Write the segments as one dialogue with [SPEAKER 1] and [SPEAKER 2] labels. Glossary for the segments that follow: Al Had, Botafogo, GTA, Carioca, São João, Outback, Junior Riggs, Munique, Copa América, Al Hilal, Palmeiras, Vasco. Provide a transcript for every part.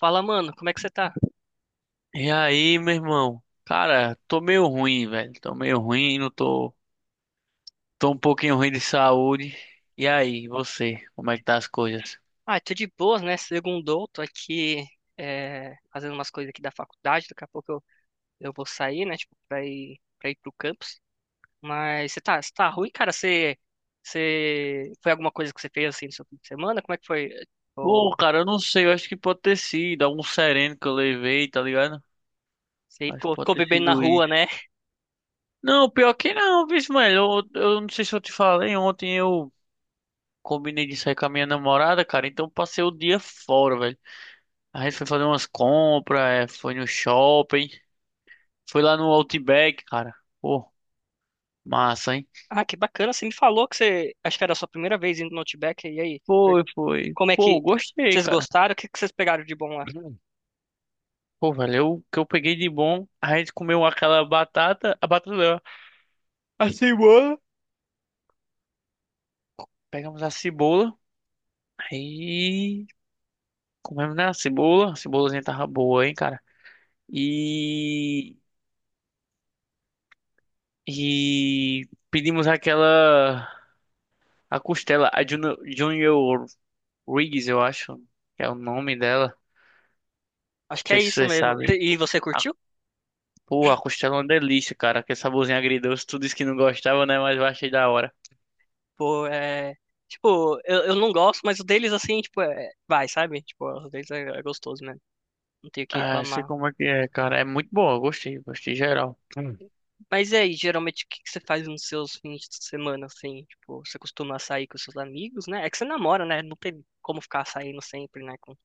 [SPEAKER 1] Fala, mano, como é que você tá?
[SPEAKER 2] E aí, meu irmão? Cara, tô meio ruim, velho. Tô meio ruim, não tô. Tô um pouquinho ruim de saúde. E aí, você? Como é que tá as coisas?
[SPEAKER 1] Ah, tô de boas, né? Segundou, tô aqui fazendo umas coisas aqui da faculdade, daqui a pouco eu vou sair, né? Tipo, pra ir pro campus. Mas você tá ruim, cara? Você foi alguma coisa que você fez assim no seu fim de semana? Como é que foi?
[SPEAKER 2] Pô,
[SPEAKER 1] Ou
[SPEAKER 2] cara, eu não sei. Eu acho que pode ter sido algum sereno que eu levei, tá ligado?
[SPEAKER 1] Você
[SPEAKER 2] Acho que
[SPEAKER 1] ficou,
[SPEAKER 2] pode
[SPEAKER 1] ficou
[SPEAKER 2] ter
[SPEAKER 1] bebendo na
[SPEAKER 2] sido
[SPEAKER 1] rua,
[SPEAKER 2] isso.
[SPEAKER 1] né?
[SPEAKER 2] Não, pior que não, viu, velho? Eu não sei se eu te falei. Ontem eu combinei de sair com a minha namorada, cara. Então passei o dia fora, velho. A gente foi fazer umas compras, é, foi no shopping. Foi lá no Outback, cara. Pô, massa, hein?
[SPEAKER 1] Ah, que bacana, você me falou que você, acho que era a sua primeira vez indo no Outback, e aí?
[SPEAKER 2] Foi, foi.
[SPEAKER 1] Como é
[SPEAKER 2] Pô,
[SPEAKER 1] que,
[SPEAKER 2] gostei,
[SPEAKER 1] vocês
[SPEAKER 2] cara.
[SPEAKER 1] gostaram? O que que vocês pegaram de bom lá?
[SPEAKER 2] Hum. Pô, valeu. O que eu peguei de bom, a gente comeu aquela batata, a batata, não, a cebola. Pegamos a cebola, aí comemos, né, a cebola. A cebolazinha tava boa, hein, cara. E, e pedimos aquela, a costela, a Junior Riggs, eu acho, que é o nome dela. Não
[SPEAKER 1] Acho que é
[SPEAKER 2] sei se
[SPEAKER 1] isso
[SPEAKER 2] vocês
[SPEAKER 1] mesmo.
[SPEAKER 2] sabem.
[SPEAKER 1] E você
[SPEAKER 2] A,
[SPEAKER 1] curtiu?
[SPEAKER 2] pô, a costela é uma delícia, cara. Que saborzinho agridoce, tu disse que não gostava, né, mas eu achei da hora.
[SPEAKER 1] Pô, é. Tipo, eu não gosto, mas o deles, assim, tipo, vai, sabe? Tipo, o deles é gostoso, né? Não tenho o que
[SPEAKER 2] Ah, sei
[SPEAKER 1] reclamar.
[SPEAKER 2] como é que é, cara. É muito boa, gostei, gostei geral. Hum.
[SPEAKER 1] Mas e aí, geralmente, o que que você faz nos seus fins de semana, assim? Tipo, você costuma sair com seus amigos, né? É que você namora, né? Não tem como ficar saindo sempre, né,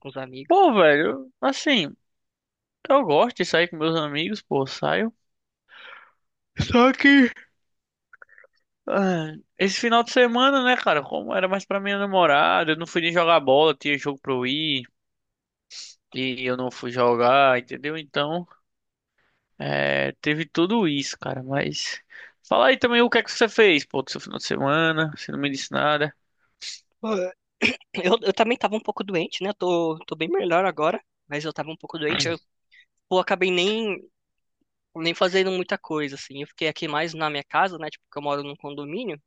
[SPEAKER 1] com os amigos.
[SPEAKER 2] Pô, velho, assim, eu gosto de sair com meus amigos, pô, saio. Só que, ah, esse final de semana, né, cara, como era mais pra minha namorada, eu não fui nem jogar bola, tinha jogo pra eu ir, e eu não fui jogar, entendeu? Então, é, teve tudo isso, cara, mas. Fala aí também o que é que você fez, pô, do seu final de semana, você não me disse nada.
[SPEAKER 1] Pô, eu, também tava um pouco doente, né? Tô bem melhor agora, mas eu tava um pouco doente. Eu, pô, acabei nem fazendo muita coisa, assim. Eu fiquei aqui mais na minha casa, né? Tipo, que eu moro num condomínio.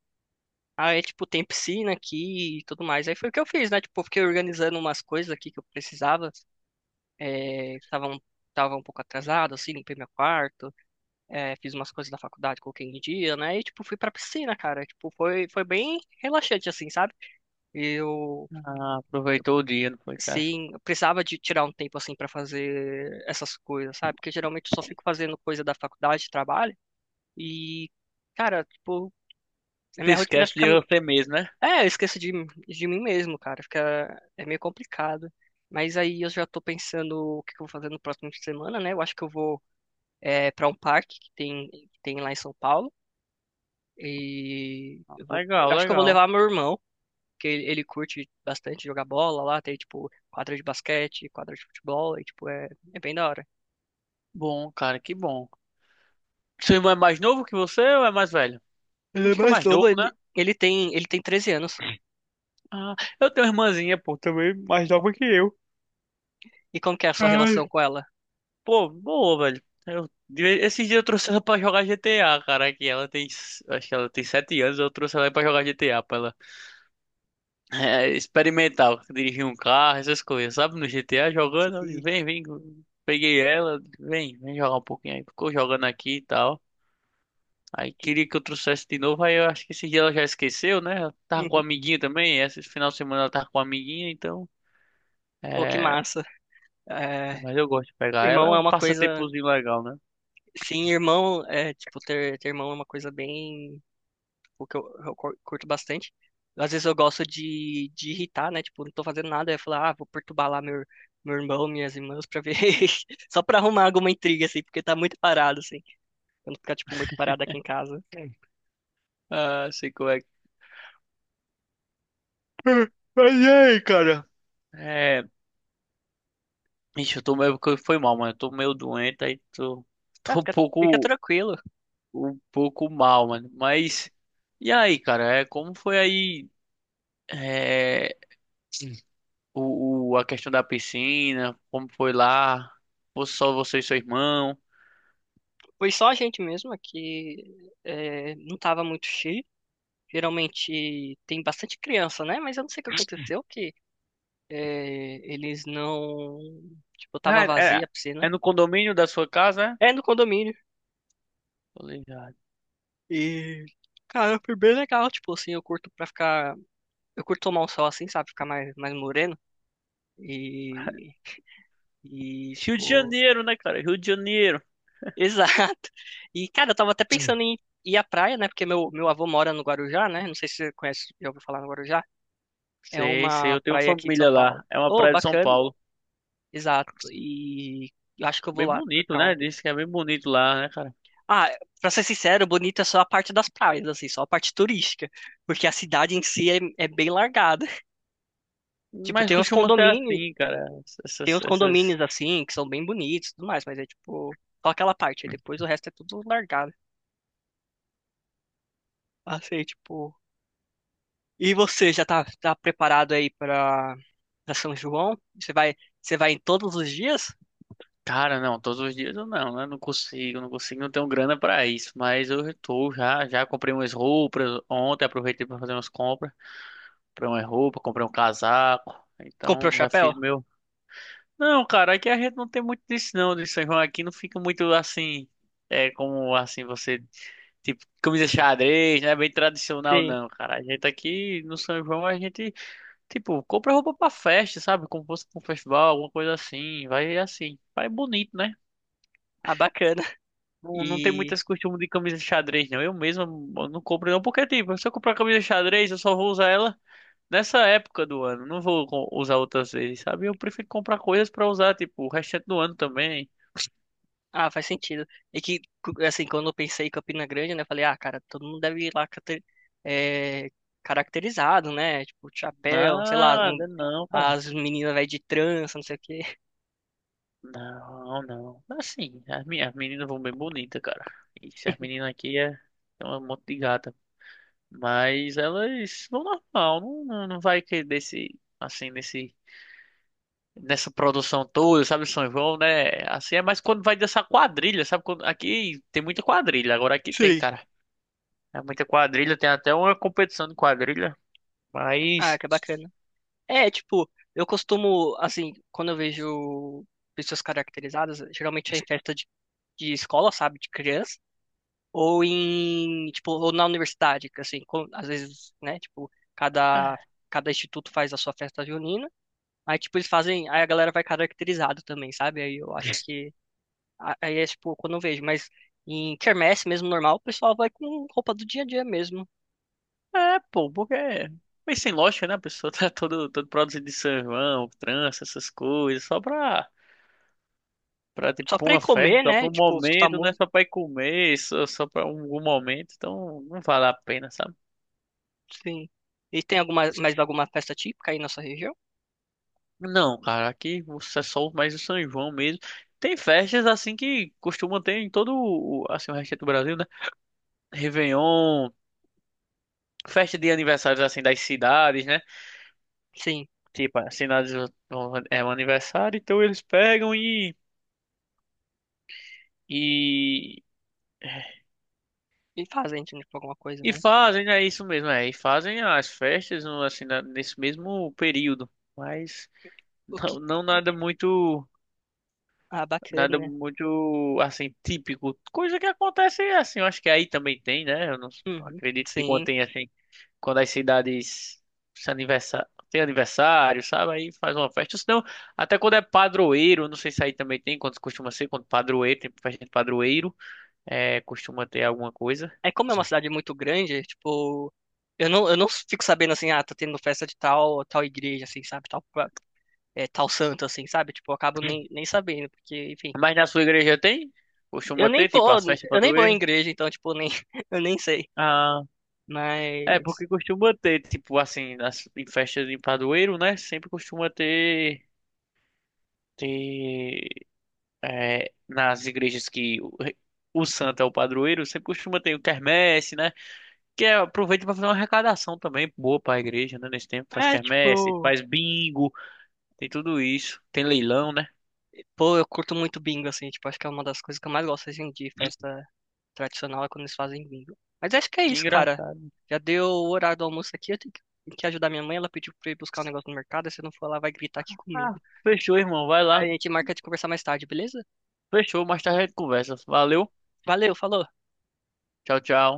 [SPEAKER 1] Aí, tipo, tem piscina aqui e tudo mais. Aí foi o que eu fiz, né? Tipo, eu fiquei organizando umas coisas aqui que eu precisava. É, tava um pouco atrasado, assim, limpei meu quarto. Fiz umas coisas da faculdade, coloquei em dia, né? E, tipo, fui pra piscina, cara. Tipo, foi bem relaxante, assim, sabe? Eu,
[SPEAKER 2] Ah, aproveitou o dia, não foi, cara?
[SPEAKER 1] sim, eu precisava de tirar um tempo, assim, pra fazer essas coisas, sabe? Porque geralmente eu só fico fazendo coisa da faculdade, trabalho. E, cara, tipo, a
[SPEAKER 2] Se
[SPEAKER 1] minha rotina
[SPEAKER 2] esquece
[SPEAKER 1] fica.
[SPEAKER 2] de você mesmo, né?
[SPEAKER 1] É, de mim mesmo, cara. Fica, é meio complicado. Mas aí eu já tô pensando o que que eu vou fazer no próximo fim de semana, né? Eu acho que eu vou para um parque que tem lá em São Paulo. E eu vou,
[SPEAKER 2] Legal,
[SPEAKER 1] eu acho que eu vou
[SPEAKER 2] legal.
[SPEAKER 1] levar meu irmão, que ele curte bastante jogar bola lá. Tem, tipo, quadra de basquete, quadra de futebol. E, tipo, é, é bem da hora.
[SPEAKER 2] Bom, cara, que bom. Seu irmão é mais novo que você ou é mais velho?
[SPEAKER 1] Ele é
[SPEAKER 2] Acho que é
[SPEAKER 1] mais
[SPEAKER 2] mais
[SPEAKER 1] novo,
[SPEAKER 2] novo, né?
[SPEAKER 1] ele tem, ele tem 13 anos.
[SPEAKER 2] Ah, eu tenho uma irmãzinha, pô, também mais nova que eu.
[SPEAKER 1] E como que é a sua
[SPEAKER 2] Ai.
[SPEAKER 1] relação com ela?
[SPEAKER 2] Pô, boa, velho. Esses dias eu trouxe ela pra jogar GTA, cara, que ela tem, acho que ela tem 7 anos, eu trouxe ela pra jogar GTA, pra ela experimentar, dirigir um carro, essas coisas, sabe? No GTA jogando, eu disse,
[SPEAKER 1] E,
[SPEAKER 2] vem, vem, peguei ela, vem, vem jogar um pouquinho aí, ficou jogando aqui e tal. Aí
[SPEAKER 1] que-
[SPEAKER 2] queria que eu trouxesse de novo, aí eu acho que esse dia ela já esqueceu, né? Ela tava com a
[SPEAKER 1] Uhum.
[SPEAKER 2] amiguinha também, esse final de semana ela tava com a amiguinha, então.
[SPEAKER 1] Pô, que
[SPEAKER 2] É,
[SPEAKER 1] massa. É,
[SPEAKER 2] mas eu gosto de pegar ela, é
[SPEAKER 1] irmão é
[SPEAKER 2] um
[SPEAKER 1] uma coisa.
[SPEAKER 2] passatempozinho legal, né?
[SPEAKER 1] Sim, irmão, é, tipo, ter irmão é uma coisa bem, tipo, que eu, curto bastante. Às vezes eu gosto de irritar, né? Tipo, não tô fazendo nada, eu falar, ah, vou perturbar lá meu irmão, minhas irmãs, pra ver, só pra arrumar alguma intriga, assim, porque tá muito parado, assim, quando ficar, tipo, muito parado aqui em casa.
[SPEAKER 2] Sim. Ah, sei como é que. Mas e aí, cara? É. Ixi, eu tô meio, que foi mal, mano. Eu tô meio doente, aí tô.
[SPEAKER 1] Ah,
[SPEAKER 2] Tô um
[SPEAKER 1] fica
[SPEAKER 2] pouco.
[SPEAKER 1] tranquilo.
[SPEAKER 2] Um pouco mal, mano. Mas. E aí, cara? É, como foi aí. É. A questão da piscina, como foi lá, ou só você e seu irmão.
[SPEAKER 1] Foi só a gente mesmo é que é, não tava muito cheio. Geralmente tem bastante criança, né? Mas eu não sei o que aconteceu, que é, eles não... Tipo, tava
[SPEAKER 2] Ah, é,
[SPEAKER 1] vazia a
[SPEAKER 2] é
[SPEAKER 1] piscina.
[SPEAKER 2] no condomínio da sua casa, é?
[SPEAKER 1] É no condomínio.
[SPEAKER 2] Tô ligado.
[SPEAKER 1] E, cara, foi bem legal. Tipo assim, eu curto pra ficar. Eu curto tomar um sol assim, sabe? Ficar mais, mais moreno. E. E,
[SPEAKER 2] Rio de
[SPEAKER 1] tipo.
[SPEAKER 2] Janeiro, né, cara? Rio de Janeiro.
[SPEAKER 1] Exato. E, cara, eu tava até pensando em ir à praia, né? Porque meu avô mora no Guarujá, né? Não sei se você conhece, já ouviu falar no Guarujá. É
[SPEAKER 2] Sei, sei,
[SPEAKER 1] uma
[SPEAKER 2] eu tenho
[SPEAKER 1] praia aqui de São
[SPEAKER 2] família
[SPEAKER 1] Paulo.
[SPEAKER 2] lá. É uma
[SPEAKER 1] Ô,
[SPEAKER 2] praia de São
[SPEAKER 1] bacana.
[SPEAKER 2] Paulo.
[SPEAKER 1] Exato. E eu acho que eu vou
[SPEAKER 2] Bem
[SPEAKER 1] lá pra
[SPEAKER 2] bonito,
[SPEAKER 1] cá
[SPEAKER 2] né?
[SPEAKER 1] ontem.
[SPEAKER 2] Diz que é bem bonito lá, né, cara?
[SPEAKER 1] Ah, pra ser sincero, bonita é só a parte das praias, assim, só a parte turística. Porque a cidade em si é bem largada. Tipo,
[SPEAKER 2] Mas costuma ser assim, cara.
[SPEAKER 1] tem
[SPEAKER 2] Essas,
[SPEAKER 1] uns
[SPEAKER 2] essas...
[SPEAKER 1] condomínios assim, que são bem bonitos e tudo mais, mas é tipo, só aquela parte, aí depois o resto é tudo largado. Assim, tipo. E você tá preparado aí pra, pra São João? Você vai em todos os dias?
[SPEAKER 2] Cara, não, todos os dias eu não, né? Não consigo, não consigo, não tenho grana pra isso. Mas eu tô já, já comprei umas roupas ontem, aproveitei pra fazer umas compras. Comprei uma roupa, comprei um casaco.
[SPEAKER 1] Comprou
[SPEAKER 2] Então já
[SPEAKER 1] chapéu?
[SPEAKER 2] fiz meu. Não, cara, aqui a gente não tem muito disso não, de São João aqui não fica muito assim, é como assim você, tipo, camisa xadrez, não é bem tradicional
[SPEAKER 1] Sim.
[SPEAKER 2] não, cara. A gente aqui no São João a gente, tipo, compra roupa pra festa, sabe? Como se fosse pra um festival, alguma coisa assim, vai bonito, né?
[SPEAKER 1] Ah, bacana.
[SPEAKER 2] Não, não tem muito
[SPEAKER 1] E.
[SPEAKER 2] esse costume de camisa de xadrez, não. Eu mesmo eu não compro não, porque tipo, se eu comprar camisa de xadrez, eu só vou usar ela nessa época do ano, não vou usar outras vezes, sabe? Eu prefiro comprar coisas pra usar, tipo, o restante do ano também.
[SPEAKER 1] Ah, faz sentido. E que, cu- assim, quando eu pensei em Campina Grande, né, eu falei, ah, cara, todo mundo deve ir lá cate- é, caracterizado, né? Tipo, de chapéu, sei lá, as mu-
[SPEAKER 2] Nada, não, cara.
[SPEAKER 1] as meninas vai de trança, não sei o quê.
[SPEAKER 2] Não, não. Assim, as minhas meninas vão bem bonitas, cara. Isso, as meninas aqui é um monte de gata. Mas elas vão normal, não, não, não vai que desse, assim, nessa produção toda, sabe, São João, né? Assim é mais quando vai dessa quadrilha, sabe? Quando, aqui tem muita quadrilha, agora aqui tem,
[SPEAKER 1] Sim.
[SPEAKER 2] cara. É muita quadrilha, tem até uma competição de quadrilha.
[SPEAKER 1] Ah,
[SPEAKER 2] Mas.
[SPEAKER 1] que bacana. É, tipo, eu costumo, assim, quando eu vejo pessoas caracterizadas, geralmente é em festa de escola, sabe, de criança, ou em, tipo, ou na universidade, que assim, com- às vezes, né, tipo, cada, cada instituto faz a sua festa junina, aí, tipo, eles fazem, aí a galera vai caracterizado também, sabe, aí eu acho que, a- aí é, tipo, quando eu vejo, mas em quermesse mesmo, normal, o pessoal vai com roupa do dia a dia mesmo,
[SPEAKER 2] É, pô, porque é meio sem lógica, né? A pessoa tá todo, todo produzido de São João, trança, essas coisas, só pra tipo,
[SPEAKER 1] só
[SPEAKER 2] pra
[SPEAKER 1] pra ir
[SPEAKER 2] uma festa,
[SPEAKER 1] comer,
[SPEAKER 2] só, pra
[SPEAKER 1] né,
[SPEAKER 2] um
[SPEAKER 1] tipo, escutar
[SPEAKER 2] momento, não é
[SPEAKER 1] música.
[SPEAKER 2] só pra ir comer, só pra um momento, então não vale a pena, sabe?
[SPEAKER 1] Sim. E tem alguma, mais alguma festa típica aí na sua região?
[SPEAKER 2] Não, cara, aqui você é só mais o São João mesmo. Tem festas assim que costumam ter em todo o, assim, o resto do Brasil, né? Réveillon, festa de aniversários assim das cidades, né?
[SPEAKER 1] Sim.
[SPEAKER 2] Tipo, as cidades é um aniversário, então eles pegam e. E,
[SPEAKER 1] E fazem, tipo, alguma coisa,
[SPEAKER 2] e
[SPEAKER 1] né?
[SPEAKER 2] fazem, é isso mesmo, é. E fazem as festas assim, nesse mesmo período. Mas
[SPEAKER 1] O que...
[SPEAKER 2] não, não nada muito.
[SPEAKER 1] Ah,
[SPEAKER 2] Nada
[SPEAKER 1] bacana.
[SPEAKER 2] muito assim, típico. Coisa que acontece assim, eu acho que aí também tem, né? Eu não
[SPEAKER 1] Uhum.
[SPEAKER 2] acredito que quando
[SPEAKER 1] Sim.
[SPEAKER 2] tem assim, quando as cidades se aniversa- tem aniversário, sabe? Aí faz uma festa. Ou senão, até quando é padroeiro, não sei se aí também tem, quando costuma ser, quando padroeiro, tem festa de padroeiro, é, costuma ter alguma coisa.
[SPEAKER 1] É como é uma cidade muito grande, tipo... eu não fico sabendo, assim, ah, tá tendo festa de tal, tal igreja, assim, sabe? Tal, pa- é, tal santo, assim, sabe? Tipo, eu acabo nem sabendo, porque, enfim...
[SPEAKER 2] Mas na sua igreja tem?
[SPEAKER 1] Eu
[SPEAKER 2] Costuma
[SPEAKER 1] nem
[SPEAKER 2] ter, tipo,
[SPEAKER 1] vou,
[SPEAKER 2] as festas de
[SPEAKER 1] eu nem vou em
[SPEAKER 2] padroeiro?
[SPEAKER 1] igreja, então, tipo, nem, eu nem sei.
[SPEAKER 2] Ah, é,
[SPEAKER 1] Mas...
[SPEAKER 2] porque costuma ter, tipo, assim, em festas de padroeiro, né? Sempre costuma ter, é, nas igrejas que o santo é o padroeiro, sempre costuma ter o quermesse, né? Que é, aproveita pra fazer uma arrecadação também boa pra igreja, né? Nesse tempo faz
[SPEAKER 1] É,
[SPEAKER 2] quermesse,
[SPEAKER 1] tipo...
[SPEAKER 2] faz bingo, tem tudo isso. Tem leilão, né?
[SPEAKER 1] Pô, eu curto muito bingo, assim, tipo, acho que é uma das coisas que eu mais gosto, assim, de
[SPEAKER 2] Hum.
[SPEAKER 1] festa tradicional é quando eles fazem bingo. Mas acho que é
[SPEAKER 2] Que
[SPEAKER 1] isso, cara.
[SPEAKER 2] engraçado.
[SPEAKER 1] Já deu o horário do almoço aqui. Eu tenho que ajudar minha mãe. Ela pediu pra eu ir buscar um negócio no mercado. Se eu não for, ela vai gritar aqui
[SPEAKER 2] Ah,
[SPEAKER 1] comigo.
[SPEAKER 2] fechou, irmão, vai
[SPEAKER 1] Aí
[SPEAKER 2] lá.
[SPEAKER 1] a gente marca de conversar mais tarde, beleza?
[SPEAKER 2] Fechou, mais tarde a gente conversa. Valeu,
[SPEAKER 1] Valeu, falou.
[SPEAKER 2] tchau, tchau.